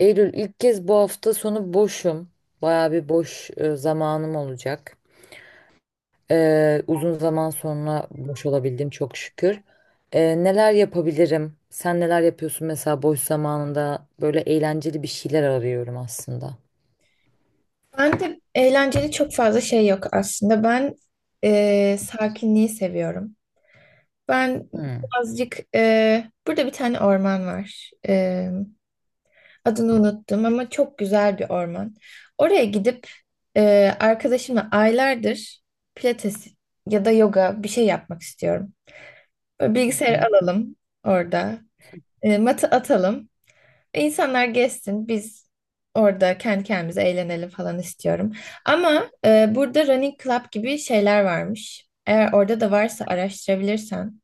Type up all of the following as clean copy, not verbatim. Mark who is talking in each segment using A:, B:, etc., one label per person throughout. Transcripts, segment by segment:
A: Eylül ilk kez bu hafta sonu boşum. Bayağı bir boş zamanım olacak. Uzun zaman sonra boş olabildim çok şükür. Neler yapabilirim? Sen neler yapıyorsun mesela boş zamanında? Böyle eğlenceli bir şeyler arıyorum aslında.
B: Ben de eğlenceli çok fazla şey yok aslında. Ben sakinliği seviyorum. Ben
A: Hmm.
B: Burada bir tane orman var. Adını unuttum ama çok güzel bir orman. Oraya gidip arkadaşımla aylardır pilates ya da yoga bir şey yapmak istiyorum. Böyle
A: Hı
B: bilgisayarı
A: hı.
B: alalım orada. Matı atalım. İnsanlar gezsin, biz orada kendi kendimize eğlenelim falan istiyorum. Ama burada running club gibi şeyler varmış. Eğer orada da varsa araştırabilirsen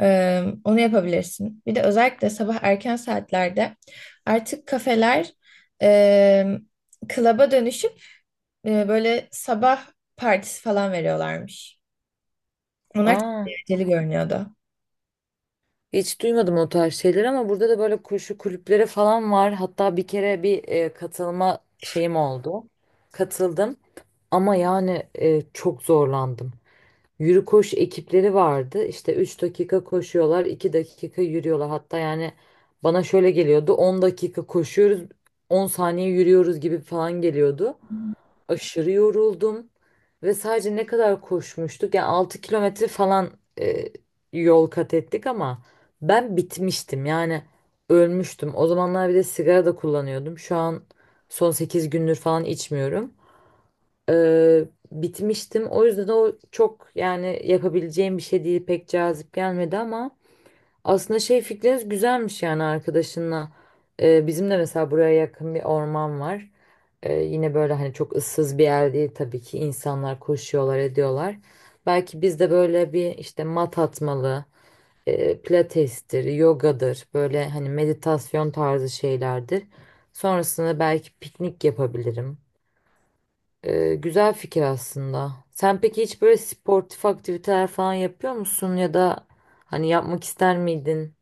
B: onu yapabilirsin. Bir de özellikle sabah erken saatlerde artık kafeler e, club'a dönüşüp böyle sabah partisi falan veriyorlarmış. Onlar çok
A: Aa,
B: eğlenceli görünüyordu.
A: hiç duymadım o tarz şeyler ama burada da böyle koşu kulüpleri falan var. Hatta bir kere bir katılma şeyim oldu. Katıldım ama yani çok zorlandım. Yürü koş ekipleri vardı. İşte 3 dakika koşuyorlar, 2 dakika yürüyorlar. Hatta yani bana şöyle geliyordu. 10 dakika koşuyoruz, 10 saniye yürüyoruz gibi falan geliyordu. Aşırı yoruldum ve sadece ne kadar koşmuştuk? Yani 6 kilometre falan e, yol kat ettik ama ben bitmiştim. Yani ölmüştüm. O zamanlar bir de sigara da kullanıyordum. Şu an son 8 gündür falan içmiyorum. Ee, Bitmiştim. O yüzden o çok yani yapabileceğim bir şey değil, pek cazip gelmedi ama aslında şey, fikriniz güzelmiş yani arkadaşınla. Bizim de mesela buraya yakın bir orman var. Yine böyle hani çok ıssız bir yer değil, tabii ki insanlar koşuyorlar ediyorlar. Belki biz de böyle bir işte mat atmalı, pilatestir, yogadır, böyle hani meditasyon tarzı şeylerdir. Sonrasında belki piknik yapabilirim. Güzel fikir aslında. Sen peki hiç böyle sportif aktiviteler falan yapıyor musun, ya da hani yapmak ister miydin?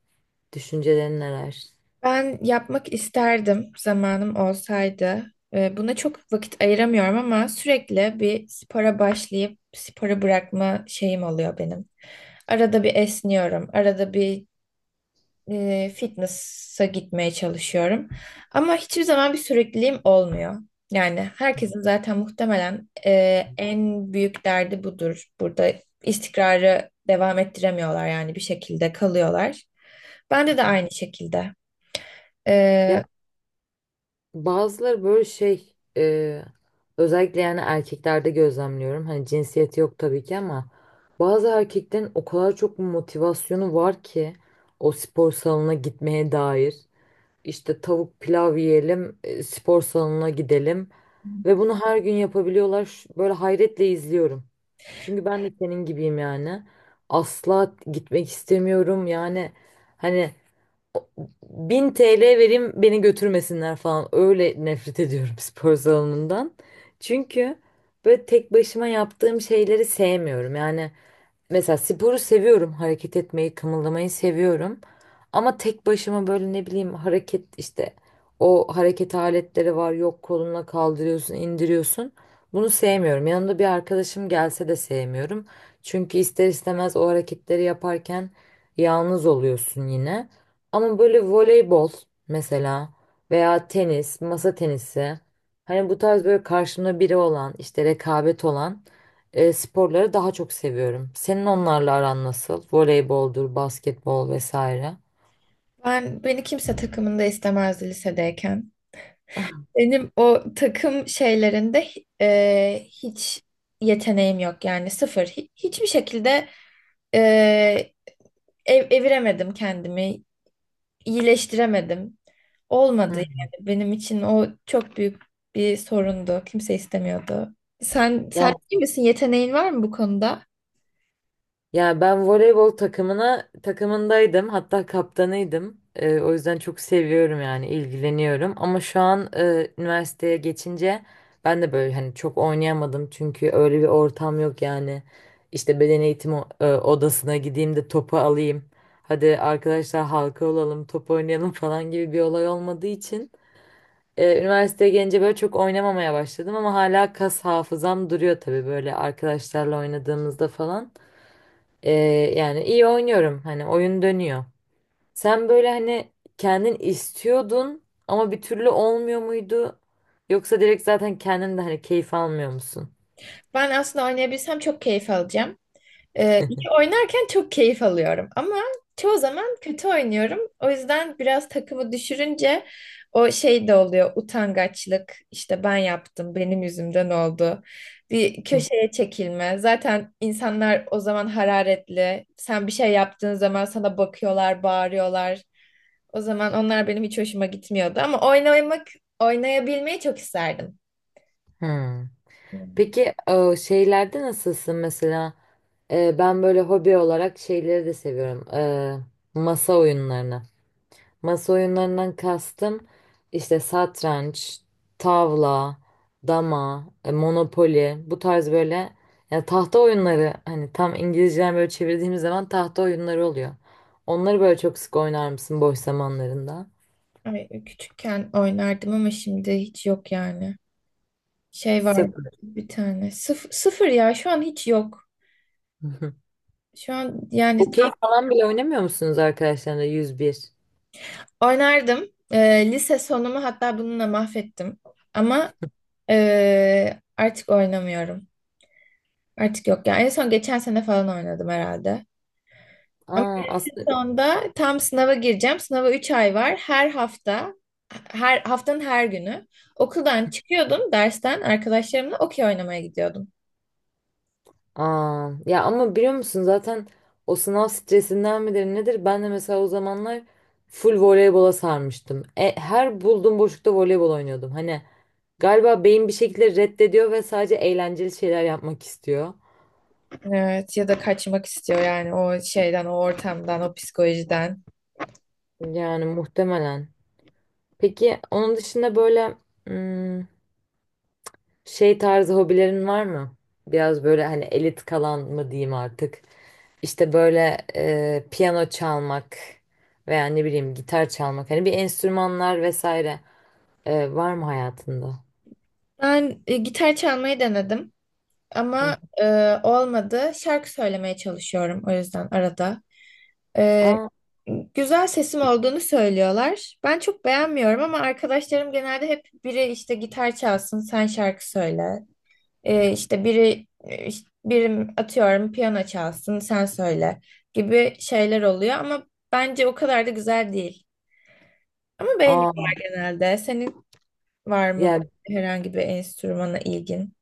A: Düşüncelerin neler?
B: Ben yapmak isterdim zamanım olsaydı. Buna çok vakit ayıramıyorum ama sürekli bir spora başlayıp sporu bırakma şeyim oluyor benim. Arada bir esniyorum, arada bir fitness'a gitmeye çalışıyorum. Ama hiçbir zaman bir sürekliliğim olmuyor. Yani herkesin zaten muhtemelen en büyük derdi budur. Burada istikrarı devam ettiremiyorlar yani bir şekilde kalıyorlar. Bende de aynı şekilde.
A: Ya
B: Ee,
A: bazıları böyle şey, özellikle yani erkeklerde gözlemliyorum. Hani cinsiyeti yok tabii ki ama bazı erkeklerin o kadar çok motivasyonu var ki o spor salonuna gitmeye dair. İşte tavuk pilav yiyelim, spor salonuna gidelim ve bunu her gün yapabiliyorlar. Böyle hayretle izliyorum. Çünkü ben de senin gibiyim yani. Asla gitmek istemiyorum yani. Hani o- 1000 TL vereyim beni götürmesinler falan. Öyle nefret ediyorum spor salonundan. Çünkü böyle tek başıma yaptığım şeyleri sevmiyorum. Yani mesela sporu seviyorum. Hareket etmeyi, kımıldamayı seviyorum. Ama tek başıma böyle ne bileyim hareket işte, o hareket aletleri var. Yok, kolunla kaldırıyorsun, indiriyorsun. Bunu sevmiyorum. Yanımda bir arkadaşım gelse de sevmiyorum. Çünkü ister istemez o hareketleri yaparken yalnız oluyorsun yine. Ama böyle voleybol mesela, veya tenis, masa tenisi. Hani bu tarz böyle karşımda biri olan, işte rekabet olan sporları daha çok seviyorum. Senin onlarla aran nasıl? Voleyboldur, basketbol vesaire.
B: beni kimse takımında istemezdi lisedeyken. Benim o takım şeylerinde hiç yeteneğim yok yani sıfır. Hiçbir şekilde e, eviremedim kendimi, iyileştiremedim. Olmadı
A: Hı.
B: yani benim için o çok büyük bir sorundu. Kimse istemiyordu. Sen
A: Yani,
B: iyi misin? Yeteneğin var mı bu konuda?
A: ya ben voleybol takımındaydım, hatta kaptanıydım. O yüzden çok seviyorum yani ilgileniyorum. Ama şu an üniversiteye geçince ben de böyle hani çok oynayamadım çünkü öyle bir ortam yok yani. İşte beden eğitimi odasına gideyim de topu alayım. Hadi arkadaşlar halka olalım, top oynayalım falan gibi bir olay olmadığı için. Üniversiteye gelince böyle çok oynamamaya başladım ama hala kas hafızam duruyor tabii, böyle arkadaşlarla oynadığımızda falan. Ee, Yani iyi oynuyorum, hani oyun dönüyor. Sen böyle hani kendin istiyordun ama bir türlü olmuyor muydu? Yoksa direkt zaten kendin de hani keyif almıyor musun?
B: Ben aslında oynayabilsem çok keyif alacağım. İyi oynarken çok keyif alıyorum ama çoğu zaman kötü oynuyorum. O yüzden biraz takımı düşürünce o şey de oluyor, utangaçlık. İşte ben yaptım, benim yüzümden oldu. Bir
A: Hı.
B: köşeye çekilme. Zaten insanlar o zaman hararetli. Sen bir şey yaptığın zaman sana bakıyorlar, bağırıyorlar. O zaman onlar benim hiç hoşuma gitmiyordu ama oynamak, oynayabilmeyi çok isterdim.
A: Hmm. Peki o şeylerde nasılsın mesela? Ben böyle hobi olarak şeyleri de seviyorum. Masa oyunlarını. Masa oyunlarından kastım işte satranç, tavla, dama, monopoli, bu tarz böyle, ya tahta oyunları, hani tam İngilizceden böyle çevirdiğimiz zaman tahta oyunları oluyor. Onları böyle çok sık oynar mısın boş zamanlarında?
B: Ay, küçükken oynardım ama şimdi hiç yok yani. Şey var
A: Sıfır.
B: bir tane. Sıfır ya, şu an hiç yok. Şu an yani
A: Okey falan bile oynamıyor musunuz arkadaşlarla, 101?
B: oynardım. Lise sonumu hatta bununla mahvettim. Ama artık oynamıyorum. Artık yok yani. En son geçen sene falan oynadım herhalde. Ama
A: Aa, aslında,
B: sonda tam sınava gireceğim. Sınava 3 ay var. Her hafta, her haftanın her günü okuldan çıkıyordum, dersten arkadaşlarımla okey oynamaya gidiyordum.
A: aa, ya ama biliyor musun zaten o sınav stresinden midir nedir? Ben de mesela o zamanlar full voleybola sarmıştım. E, her bulduğum boşlukta voleybol oynuyordum. Hani galiba beyin bir şekilde reddediyor ve sadece eğlenceli şeyler yapmak istiyor.
B: Evet, ya da kaçmak istiyor yani o şeyden, o ortamdan, o psikolojiden.
A: Yani muhtemelen. Peki onun dışında böyle, hmm, şey tarzı hobilerin var mı? Biraz böyle hani elit kalan mı diyeyim artık? İşte böyle piyano çalmak veya ne bileyim gitar çalmak, hani bir enstrümanlar vesaire, var mı hayatında?
B: Ben gitar çalmayı denedim
A: Hı.
B: ama olmadı. Şarkı söylemeye çalışıyorum o yüzden arada. E,
A: Aa,
B: Güzel sesim olduğunu söylüyorlar. Ben çok beğenmiyorum ama arkadaşlarım genelde hep, biri işte gitar çalsın, sen şarkı söyle. İşte biri işte birim atıyorum, piyano çalsın sen söyle gibi şeyler oluyor ama bence o kadar da güzel değil. Ama beğeniyorlar
A: aa
B: genelde. Senin var mı
A: yani
B: herhangi bir enstrümana ilgin?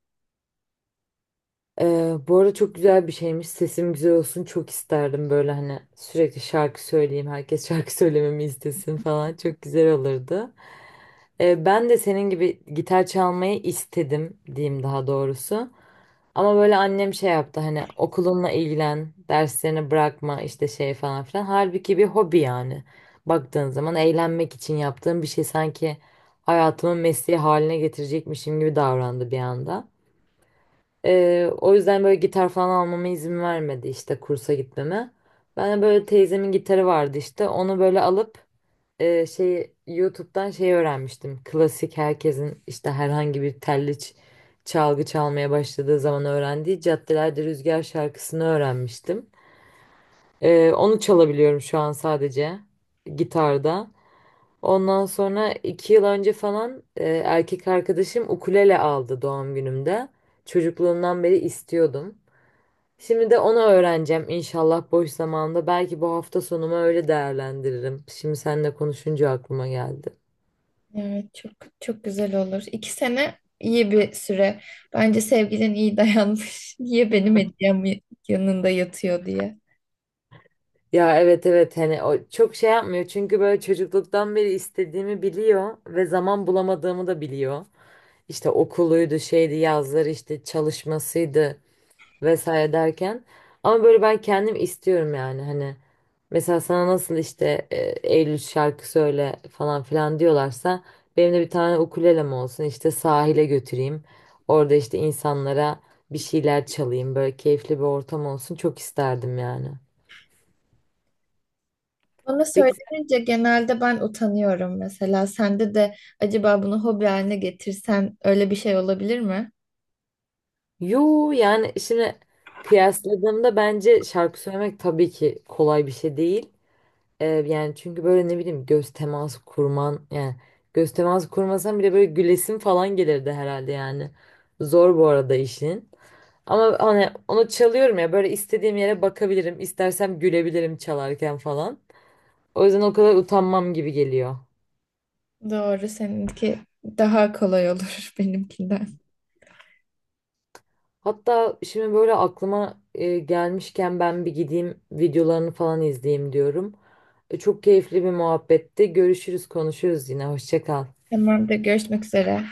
A: Bu arada çok güzel bir şeymiş, sesim güzel olsun çok isterdim, böyle hani sürekli şarkı söyleyeyim, herkes şarkı söylememi istesin falan, çok güzel olurdu. E, ben de senin gibi gitar çalmayı istedim diyeyim, daha doğrusu. Ama böyle annem şey yaptı, hani okulunla ilgilen, derslerini bırakma işte, şey falan filan. Halbuki bir hobi yani. Baktığın zaman eğlenmek için yaptığım bir şey, sanki hayatımın mesleği haline getirecekmişim gibi davrandı bir anda. O yüzden böyle gitar falan almama izin vermedi, işte kursa gitmeme. Ben de böyle teyzemin gitarı vardı, işte onu böyle alıp YouTube'dan öğrenmiştim. Klasik herkesin işte herhangi bir telli çalgı çalmaya başladığı zaman öğrendiği Caddelerde Rüzgar şarkısını öğrenmiştim. E, onu çalabiliyorum şu an sadece gitarda. Ondan sonra 2 yıl önce falan erkek arkadaşım ukulele aldı doğum günümde. Çocukluğumdan beri istiyordum. Şimdi de onu öğreneceğim inşallah boş zamanında. Belki bu hafta sonumu öyle değerlendiririm. Şimdi seninle konuşunca aklıma geldi.
B: Evet, çok çok güzel olur. İki sene iyi bir süre. Bence sevgilin iyi dayanmış. Niye benim hediyem yanında yatıyor diye.
A: Ya evet evet, hani o çok şey yapmıyor çünkü böyle çocukluktan beri istediğimi biliyor ve zaman bulamadığımı da biliyor. İşte okuluydu, şeydi, yazları işte çalışmasıydı vesaire derken, ama böyle ben kendim istiyorum yani, hani mesela sana nasıl işte Eylül şarkı söyle falan filan diyorlarsa, benim de bir tane ukulelem olsun, işte sahile götüreyim, orada işte insanlara bir şeyler çalayım, böyle keyifli bir ortam olsun çok isterdim yani.
B: Bana
A: Peki,
B: söylenince genelde ben utanıyorum mesela. Sende de acaba bunu hobi haline getirsen öyle bir şey olabilir mi?
A: yo yani şimdi kıyasladığımda bence şarkı söylemek tabii ki kolay bir şey değil. Yani çünkü böyle ne bileyim göz teması kurman yani, göz teması kurmasan bile böyle gülesin falan gelirdi herhalde yani. Zor bu arada işin. Ama hani onu çalıyorum ya, böyle istediğim yere bakabilirim, istersem gülebilirim çalarken falan. O yüzden o kadar utanmam gibi geliyor.
B: Doğru, seninki daha kolay olur benimkinden.
A: Hatta şimdi böyle aklıma gelmişken, ben bir gideyim videolarını falan izleyeyim diyorum. E, çok keyifli bir muhabbetti. Görüşürüz, konuşuruz yine. Hoşça kal.
B: Tamamdır, görüşmek üzere.